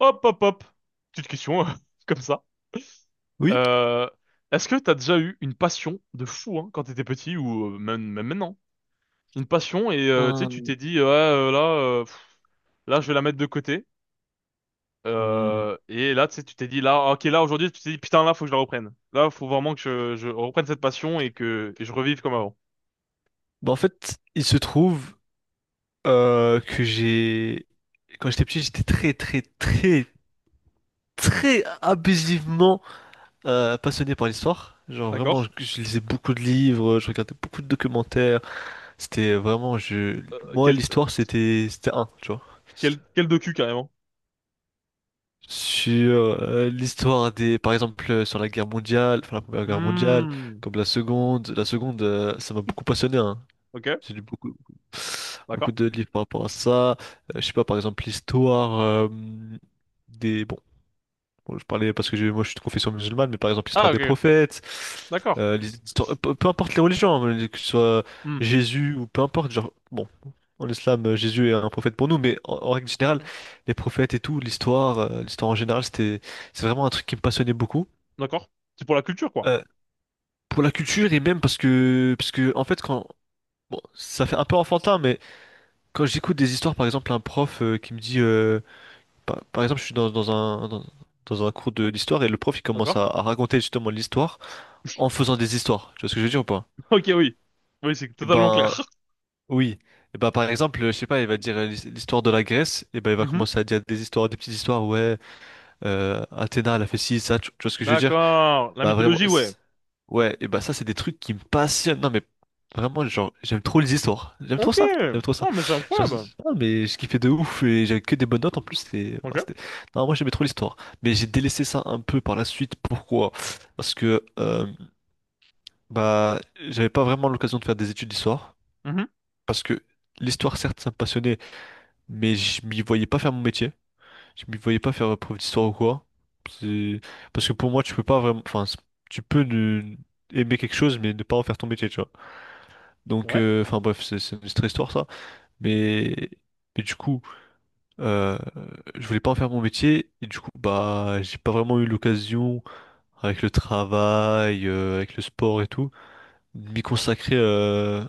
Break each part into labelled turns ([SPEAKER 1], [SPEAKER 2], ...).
[SPEAKER 1] Hop, hop, hop. Petite question, comme ça.
[SPEAKER 2] Oui.
[SPEAKER 1] Euh, Est-ce que t'as déjà eu une passion de fou, hein, quand t'étais petit ou même maintenant? Une passion et tu sais, tu
[SPEAKER 2] Un-
[SPEAKER 1] t'es dit, ouais, là, je vais la mettre de côté.
[SPEAKER 2] Hmm.
[SPEAKER 1] Et là, tu sais, tu t'es dit, là, ok, là, aujourd'hui, tu t'es dit, putain, là, faut que je la reprenne. Là, faut vraiment que je reprenne cette passion et je revive comme avant.
[SPEAKER 2] Bah, en fait, il se trouve que j'ai... Quand j'étais petit, j'étais très, très, très, très abusivement passionné par l'histoire. Genre, vraiment,
[SPEAKER 1] D'accord?
[SPEAKER 2] je lisais beaucoup de livres, je regardais beaucoup de documentaires. C'était vraiment... Je...
[SPEAKER 1] Euh,
[SPEAKER 2] Moi,
[SPEAKER 1] quel, euh,
[SPEAKER 2] l'histoire, c'était un, tu vois.
[SPEAKER 1] quel docu, carrément?
[SPEAKER 2] Sur l'histoire des... Par exemple, sur la guerre mondiale, enfin, la première guerre mondiale,
[SPEAKER 1] Hmm.
[SPEAKER 2] comme la seconde. La seconde, ça m'a beaucoup passionné, hein.
[SPEAKER 1] Ok,
[SPEAKER 2] J'ai lu beaucoup,
[SPEAKER 1] d'accord.
[SPEAKER 2] beaucoup de livres par rapport à ça. Je sais pas, par exemple, l'histoire des... bon, je parlais parce que moi je suis de confession musulmane, mais par exemple, l'histoire
[SPEAKER 1] Ah, ok,
[SPEAKER 2] des prophètes,
[SPEAKER 1] d'accord.
[SPEAKER 2] peu, peu importe les religions, hein, que ce soit
[SPEAKER 1] Hmm.
[SPEAKER 2] Jésus ou peu importe, genre, bon, en islam, Jésus est un prophète pour nous, mais en, en règle générale, les prophètes et tout, l'histoire, l'histoire en général, c'est vraiment un truc qui me passionnait beaucoup.
[SPEAKER 1] D'accord. C'est pour la culture, quoi.
[SPEAKER 2] Euh, pour la culture et même parce que en fait, quand... Bon, ça fait un peu enfantin, mais... Quand j'écoute des histoires, par exemple, un prof qui me dit, par, par exemple, je suis dans, dans un cours d'histoire et le prof il commence
[SPEAKER 1] D'accord?
[SPEAKER 2] à raconter justement l'histoire en faisant des histoires. Tu vois ce que je veux dire ou pas?
[SPEAKER 1] Ok, oui. Oui, c'est
[SPEAKER 2] Eh
[SPEAKER 1] totalement
[SPEAKER 2] ben,
[SPEAKER 1] clair.
[SPEAKER 2] oui. Eh ben, par exemple, je sais pas, il va dire l'histoire de la Grèce, et ben, il va
[SPEAKER 1] Mhm.
[SPEAKER 2] commencer à dire des histoires, des petites histoires, ouais, Athéna, elle a fait ci, ça, tu vois ce que je veux dire?
[SPEAKER 1] D'accord. La
[SPEAKER 2] Bah vraiment,
[SPEAKER 1] mythologie, ouais.
[SPEAKER 2] ouais, et bah ça c'est des trucs qui me passionnent. Non mais vraiment, genre, j'aime trop les histoires. J'aime trop
[SPEAKER 1] Ok.
[SPEAKER 2] ça, j'aime trop ça.
[SPEAKER 1] Non, mais c'est
[SPEAKER 2] Genre,
[SPEAKER 1] incroyable.
[SPEAKER 2] ah, mais je kiffais de ouf et j'avais que des bonnes notes en plus. Ouais,
[SPEAKER 1] Ok.
[SPEAKER 2] Non, moi j'aimais trop l'histoire. Mais j'ai délaissé ça un peu par la suite. Pourquoi? Parce que bah j'avais pas vraiment l'occasion de faire des études d'histoire.
[SPEAKER 1] Mhm.
[SPEAKER 2] Parce que l'histoire, certes, ça me passionnait, mais je m'y voyais pas faire mon métier. Je m'y voyais pas faire prof d'histoire ou quoi. C'est- Parce que pour moi, tu peux pas vraiment. Enfin, tu peux aimer quelque chose, mais ne pas en faire ton métier, tu vois. Donc,
[SPEAKER 1] Ouais.
[SPEAKER 2] enfin, bref, c'est une autre histoire, ça. Mais, mais du coup, euh, je voulais pas en faire mon métier. Et du coup, bah, j'ai pas vraiment eu l'occasion, avec le travail, avec le sport et tout, de m'y consacrer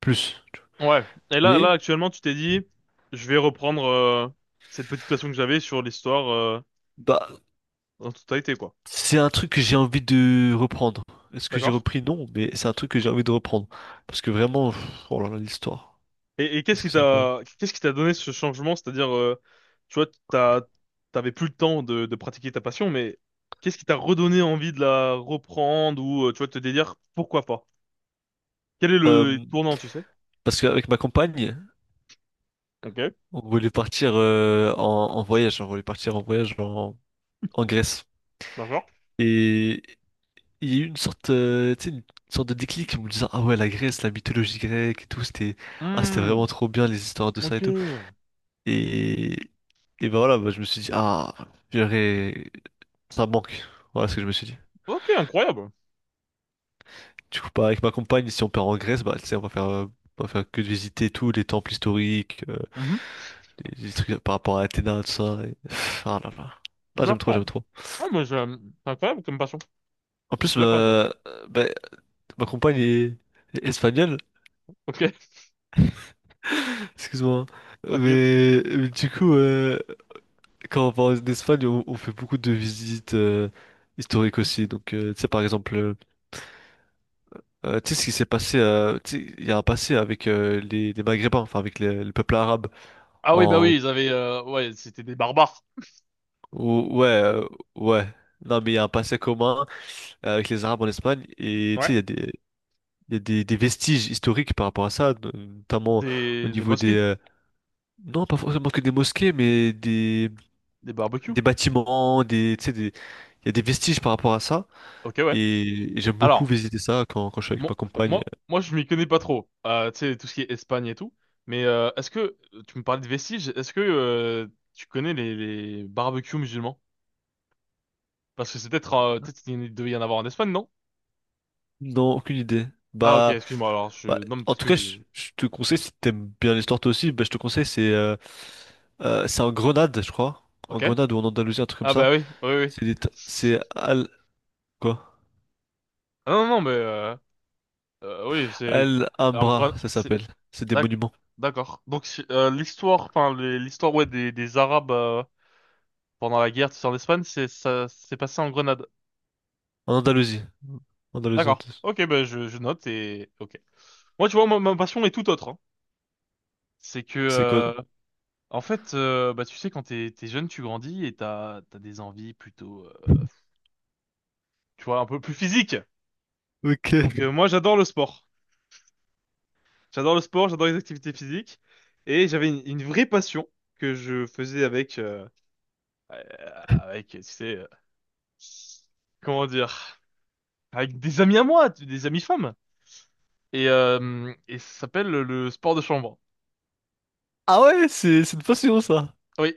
[SPEAKER 2] plus. Tu vois.
[SPEAKER 1] Ouais. Et là,
[SPEAKER 2] Mais,
[SPEAKER 1] là, actuellement, tu t'es dit, je vais reprendre cette petite passion que j'avais sur l'histoire
[SPEAKER 2] bah,
[SPEAKER 1] en totalité, quoi.
[SPEAKER 2] C'est un truc que j'ai envie de reprendre. Est-ce que j'ai
[SPEAKER 1] D'accord?
[SPEAKER 2] repris? Non, mais c'est un truc que j'ai envie de reprendre. Parce que vraiment, pff, oh là là, l'histoire.
[SPEAKER 1] Et qu'est-ce
[SPEAKER 2] Est-ce
[SPEAKER 1] qui
[SPEAKER 2] que c'est incroyable?
[SPEAKER 1] t'a, qu'est-ce qui t'a donné ce changement? C'est-à-dire, tu vois, t'avais plus le temps de pratiquer ta passion, mais qu'est-ce qui t'a redonné envie de la reprendre ou, tu vois, de te dire, pourquoi pas? Quel est le
[SPEAKER 2] Euh,
[SPEAKER 1] tournant, tu sais?
[SPEAKER 2] Parce qu'avec ma compagne,
[SPEAKER 1] Ok.
[SPEAKER 2] on voulait partir en, en voyage. On voulait partir en voyage en, en Grèce.
[SPEAKER 1] D'accord.
[SPEAKER 2] Et il y a eu une sorte, tu sais, une sorte de déclic en me disant, ah ouais, la Grèce, la mythologie grecque et tout, ah, c'était
[SPEAKER 1] Hmm,
[SPEAKER 2] vraiment trop bien les histoires de ça
[SPEAKER 1] ok.
[SPEAKER 2] et tout. Et, et ben voilà, bah, je me suis dit, j'aurais, ça manque. Voilà ce que je me suis dit.
[SPEAKER 1] Ok, incroyable.
[SPEAKER 2] Du coup, bah, avec ma compagne, si on part en Grèce, bah, tu sais, on va faire que de visiter tous les temples historiques,
[SPEAKER 1] Mhm.
[SPEAKER 2] les trucs par rapport à Athéna, tout ça. Ah là là. Ah, j'aime trop,
[SPEAKER 1] D'accord.
[SPEAKER 2] j'aime trop.
[SPEAKER 1] Ah, mais c'est incroyable comme passion.
[SPEAKER 2] En
[SPEAKER 1] Je
[SPEAKER 2] plus,
[SPEAKER 1] suis d'accord avec toi.
[SPEAKER 2] ma, bah, ma compagne est, est espagnole,
[SPEAKER 1] Ok,
[SPEAKER 2] excuse-moi. Hein.
[SPEAKER 1] t'inquiète.
[SPEAKER 2] Mais du coup, quand on va en Espagne, on fait beaucoup de visites historiques aussi. Donc, tu sais, par exemple, tu sais ce qui s'est passé, tu sais, il y a un passé avec les Maghrébins, enfin avec le peuple arabe.
[SPEAKER 1] Ah oui, bah
[SPEAKER 2] En,
[SPEAKER 1] oui, ouais, c'était des barbares.
[SPEAKER 2] Ouais, ouais. Non, mais il y a un passé commun avec les Arabes en Espagne et tu
[SPEAKER 1] Ouais.
[SPEAKER 2] sais, il y a des, il y a des vestiges historiques par rapport à ça, notamment au
[SPEAKER 1] Des
[SPEAKER 2] niveau des...
[SPEAKER 1] mosquées.
[SPEAKER 2] non, pas forcément que des mosquées, mais
[SPEAKER 1] Des barbecues.
[SPEAKER 2] des bâtiments, des, tu sais, des, il y a des vestiges par rapport à ça
[SPEAKER 1] Ok, ouais.
[SPEAKER 2] et j'aime beaucoup
[SPEAKER 1] Alors,
[SPEAKER 2] visiter ça quand, quand je suis avec
[SPEAKER 1] mon-
[SPEAKER 2] ma compagne.
[SPEAKER 1] moi, je m'y connais pas trop. Tu sais, tout ce qui est Espagne et tout. Mais est-ce que... Tu me parlais de vestiges. Est-ce que tu connais les barbecues musulmans? Parce que peut-être il devait y en avoir en Espagne, non?
[SPEAKER 2] Non, aucune idée.
[SPEAKER 1] Ah ok,
[SPEAKER 2] Bah,
[SPEAKER 1] excuse-moi. Alors,
[SPEAKER 2] bah,
[SPEAKER 1] je... Non, mais
[SPEAKER 2] en
[SPEAKER 1] peut-être
[SPEAKER 2] tout
[SPEAKER 1] que
[SPEAKER 2] cas,
[SPEAKER 1] je...
[SPEAKER 2] je te conseille, si t'aimes bien l'histoire toi aussi, bah, je te conseille, c'est en Grenade, je crois. En
[SPEAKER 1] Ok.
[SPEAKER 2] Grenade ou en Andalousie, un truc comme
[SPEAKER 1] Ah
[SPEAKER 2] ça.
[SPEAKER 1] bah oui, oui, oui.
[SPEAKER 2] C'est des... C'est Al... Quoi?
[SPEAKER 1] Ah non, non, mais oui, c'est en gros,
[SPEAKER 2] Alhambra, ça
[SPEAKER 1] c'est
[SPEAKER 2] s'appelle. C'est des
[SPEAKER 1] d'ac-
[SPEAKER 2] monuments.
[SPEAKER 1] d'accord. Donc l'histoire, enfin l'histoire, ouais, des Arabes, pendant la guerre, c'est en Espagne, c'est ça s'est passé en Grenade.
[SPEAKER 2] En Andalousie. Andalousie,
[SPEAKER 1] D'accord.
[SPEAKER 2] Andalousie.
[SPEAKER 1] Ok, bah je note et ok. Moi, tu vois, ma passion est tout autre, hein. C'est que
[SPEAKER 2] C'est quoi?
[SPEAKER 1] en fait, bah tu sais, quand t'es jeune, tu grandis et t'as des envies plutôt, tu vois, un peu plus physiques.
[SPEAKER 2] Ok.
[SPEAKER 1] Donc moi, j'adore le sport. J'adore le sport, j'adore les activités physiques. Et j'avais une vraie passion que je faisais euh, avec, tu sais, comment dire, avec des amis à moi, des amis femmes. Et, ça s'appelle le sport de chambre.
[SPEAKER 2] Ah ouais, c'est une passion, ça.
[SPEAKER 1] Oui.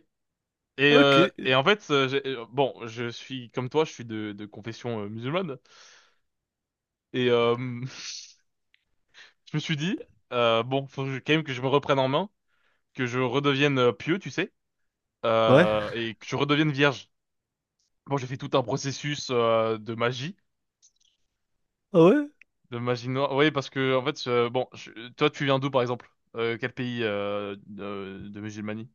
[SPEAKER 1] Et,
[SPEAKER 2] Ah, ok.
[SPEAKER 1] en fait, bon, je suis comme toi, je suis de confession musulmane. Et je me suis dit, bon, faut que quand même que je me reprenne en main, que je redevienne pieux, tu sais,
[SPEAKER 2] Ouais.
[SPEAKER 1] et que je redevienne vierge. Bon, j'ai fait tout un processus
[SPEAKER 2] Ah ouais?
[SPEAKER 1] de magie noire. Oui, parce que en fait, bon, toi, tu viens d'où, par exemple? Quel pays de musulmanie?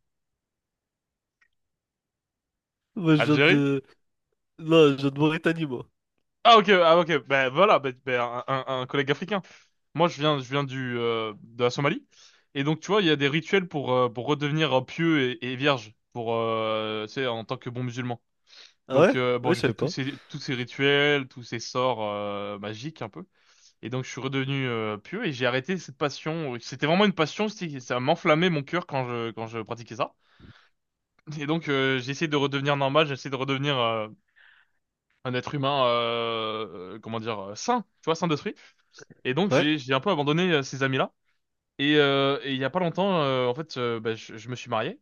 [SPEAKER 2] Moi, je viens
[SPEAKER 1] Algérie?
[SPEAKER 2] de... Non, je viens de Mauritanie, moi.
[SPEAKER 1] Ah ok, ah ok. Ben voilà, ben, un collègue africain. Moi, je viens du de la Somalie. Et donc, tu vois, il y a des rituels pour redevenir pieux et vierge, pour tu sais, en tant que bon musulman.
[SPEAKER 2] Ah ouais?
[SPEAKER 1] Donc bon,
[SPEAKER 2] Ouais, je
[SPEAKER 1] j'ai fait
[SPEAKER 2] savais
[SPEAKER 1] tous
[SPEAKER 2] pas.
[SPEAKER 1] ces tous ces rituels, tous ces sorts magiques un peu. Et donc je suis redevenu pieux et j'ai arrêté cette passion. C'était vraiment une passion, ça m'enflammait mon cœur quand je pratiquais ça. Et donc j'ai essayé de redevenir normal, j'ai essayé de redevenir un être humain, comment dire, sain, tu vois, sain d'esprit. Et donc
[SPEAKER 2] Ouais.
[SPEAKER 1] j'ai un peu abandonné ces amis-là. Et il y a pas longtemps, en fait, bah, je me suis marié.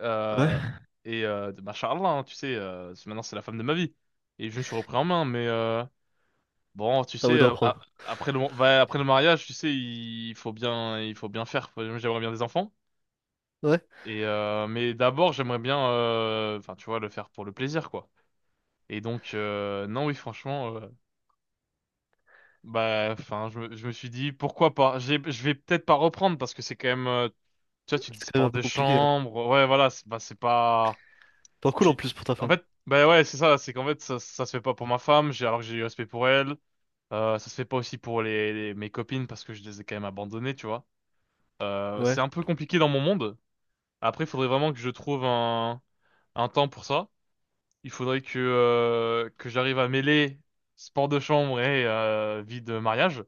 [SPEAKER 1] Euh,
[SPEAKER 2] Ouais.
[SPEAKER 1] machallah, hein, tu sais, maintenant c'est la femme de ma vie. Et je me suis repris en main, mais bon, tu
[SPEAKER 2] T'as envie
[SPEAKER 1] sais,
[SPEAKER 2] d'en prendre.
[SPEAKER 1] après après le mariage, tu sais, il faut bien faire. J'aimerais bien des enfants.
[SPEAKER 2] Ouais.
[SPEAKER 1] Et mais d'abord, j'aimerais bien, enfin, tu vois, le faire pour le plaisir, quoi. Et donc, non, oui, franchement, bah, enfin, je me suis dit, pourquoi pas? Je vais peut-être pas reprendre parce que c'est quand même, tu vois, tu
[SPEAKER 2] C'est
[SPEAKER 1] dis
[SPEAKER 2] quand même
[SPEAKER 1] sport
[SPEAKER 2] un
[SPEAKER 1] de
[SPEAKER 2] peu compliqué, hein.
[SPEAKER 1] chambre, ouais, voilà, c'est bah, c'est pas,
[SPEAKER 2] Pas cool, en
[SPEAKER 1] tu,
[SPEAKER 2] plus, pour ta
[SPEAKER 1] en
[SPEAKER 2] femme.
[SPEAKER 1] fait, bah ouais, c'est ça, c'est qu'en fait, ça se fait pas pour ma femme. J'ai alors que j'ai du respect pour elle. Ça se fait pas aussi pour mes copines parce que je les ai quand même abandonnées, tu vois.
[SPEAKER 2] Ouais.
[SPEAKER 1] C'est un peu compliqué dans mon monde. Après, il faudrait vraiment que je trouve un temps pour ça. Il faudrait que j'arrive à mêler sport de chambre et vie de mariage.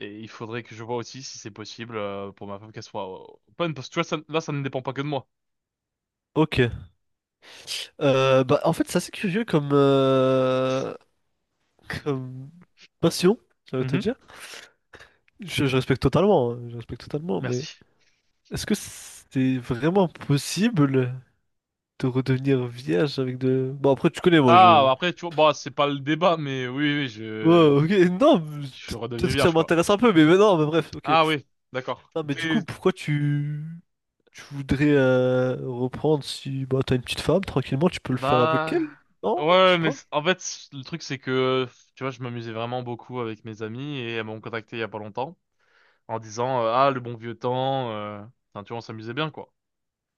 [SPEAKER 1] Et il faudrait que je vois aussi si c'est possible pour ma femme qu'elle soit open. Parce que tu vois, là, ça ne dépend pas que de moi.
[SPEAKER 2] Ok. Bah, en fait, c'est assez curieux comme... Comme... Passion, j'allais te
[SPEAKER 1] Mhm.
[SPEAKER 2] dire. Je respecte totalement, hein, je respecte totalement, mais
[SPEAKER 1] Merci.
[SPEAKER 2] est-ce que c'est vraiment possible de redevenir vierge avec de... Bon, après, tu connais, moi, je...
[SPEAKER 1] Ah, après, tu vois, bah, c'est pas le débat, mais oui, oui,
[SPEAKER 2] Ouais,
[SPEAKER 1] je,
[SPEAKER 2] ok, non, mais
[SPEAKER 1] je suis redevenu
[SPEAKER 2] peut-être que ça
[SPEAKER 1] vierge, quoi.
[SPEAKER 2] m'intéresse un peu, mais non, mais bref, ok.
[SPEAKER 1] Ah oui, d'accord.
[SPEAKER 2] Non, mais du coup, pourquoi tu... Tu voudrais reprendre si... Bah, t'as une petite femme, tranquillement, tu peux le faire avec
[SPEAKER 1] Bah,
[SPEAKER 2] elle? Non, je sais
[SPEAKER 1] ouais, mais
[SPEAKER 2] pas.
[SPEAKER 1] en fait, le truc, c'est que, tu vois, je m'amusais vraiment beaucoup avec mes amis et elles m'ont contacté il y a pas longtemps en disant, ah, le bon vieux temps. Enfin, tu vois, on s'amusait bien, quoi.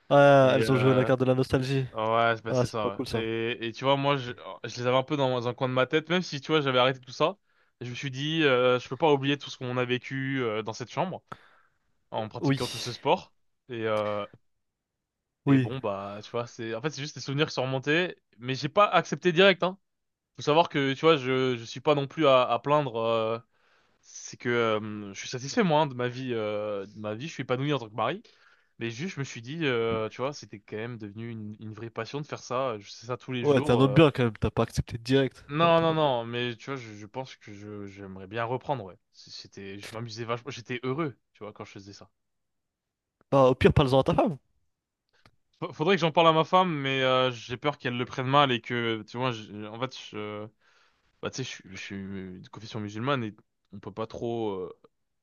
[SPEAKER 2] Ah,
[SPEAKER 1] Et,
[SPEAKER 2] elles ont joué à la
[SPEAKER 1] euh...
[SPEAKER 2] carte de la nostalgie.
[SPEAKER 1] ouais, bah,
[SPEAKER 2] Ah,
[SPEAKER 1] c'est
[SPEAKER 2] c'est pas
[SPEAKER 1] ça,
[SPEAKER 2] cool,
[SPEAKER 1] ouais.
[SPEAKER 2] ça.
[SPEAKER 1] Et, tu vois, moi, oh, je les avais un peu dans un coin de ma tête, même si, tu vois, j'avais arrêté tout ça. Je me suis dit, je peux pas oublier tout ce qu'on a vécu dans cette chambre en pratiquant tout
[SPEAKER 2] Oui,
[SPEAKER 1] ce sport. Et, euh... et
[SPEAKER 2] oui.
[SPEAKER 1] bon, bah, tu vois, en fait, c'est juste des souvenirs qui sont remontés, mais j'ai pas accepté direct, hein. Faut savoir que, tu vois, je suis pas non plus à plaindre. C'est que je suis satisfait, moi, hein, de ma vie. De ma vie, je suis épanoui en tant que mari. Mais juste, je me suis dit, tu vois, c'était quand même devenu une vraie passion de faire ça. Je fais ça tous les
[SPEAKER 2] Ouais, t'es
[SPEAKER 1] jours.
[SPEAKER 2] un homme bien, quand même, t'as pas accepté direct. Non,
[SPEAKER 1] Non,
[SPEAKER 2] t'es un
[SPEAKER 1] non,
[SPEAKER 2] homme bien.
[SPEAKER 1] non, mais tu vois, je pense que j'aimerais bien reprendre, ouais. C'était, je m'amusais vachement, j'étais heureux, tu vois, quand je faisais ça.
[SPEAKER 2] Bah, au pire, parle-en à ta femme,
[SPEAKER 1] Faudrait que j'en parle à ma femme, mais j'ai peur qu'elle le prenne mal et que, tu vois, en fait, bah, tu sais, je suis de confession musulmane et on peut pas trop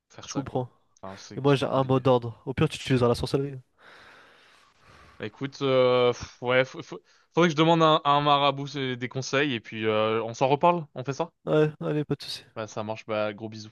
[SPEAKER 1] faire
[SPEAKER 2] je
[SPEAKER 1] ça, quoi.
[SPEAKER 2] comprends.
[SPEAKER 1] Enfin,
[SPEAKER 2] Et
[SPEAKER 1] c'est
[SPEAKER 2] moi,
[SPEAKER 1] c'est
[SPEAKER 2] j'ai un mot
[SPEAKER 1] compliqué.
[SPEAKER 2] d'ordre. Au pire, tu utiliseras la sorcellerie.
[SPEAKER 1] Bah, écoute, ouais, faudrait que je demande à un marabout des conseils et puis on s'en reparle, on fait ça?
[SPEAKER 2] Ouais, allez, pas de soucis.
[SPEAKER 1] Bah, ça marche, bah, gros bisous.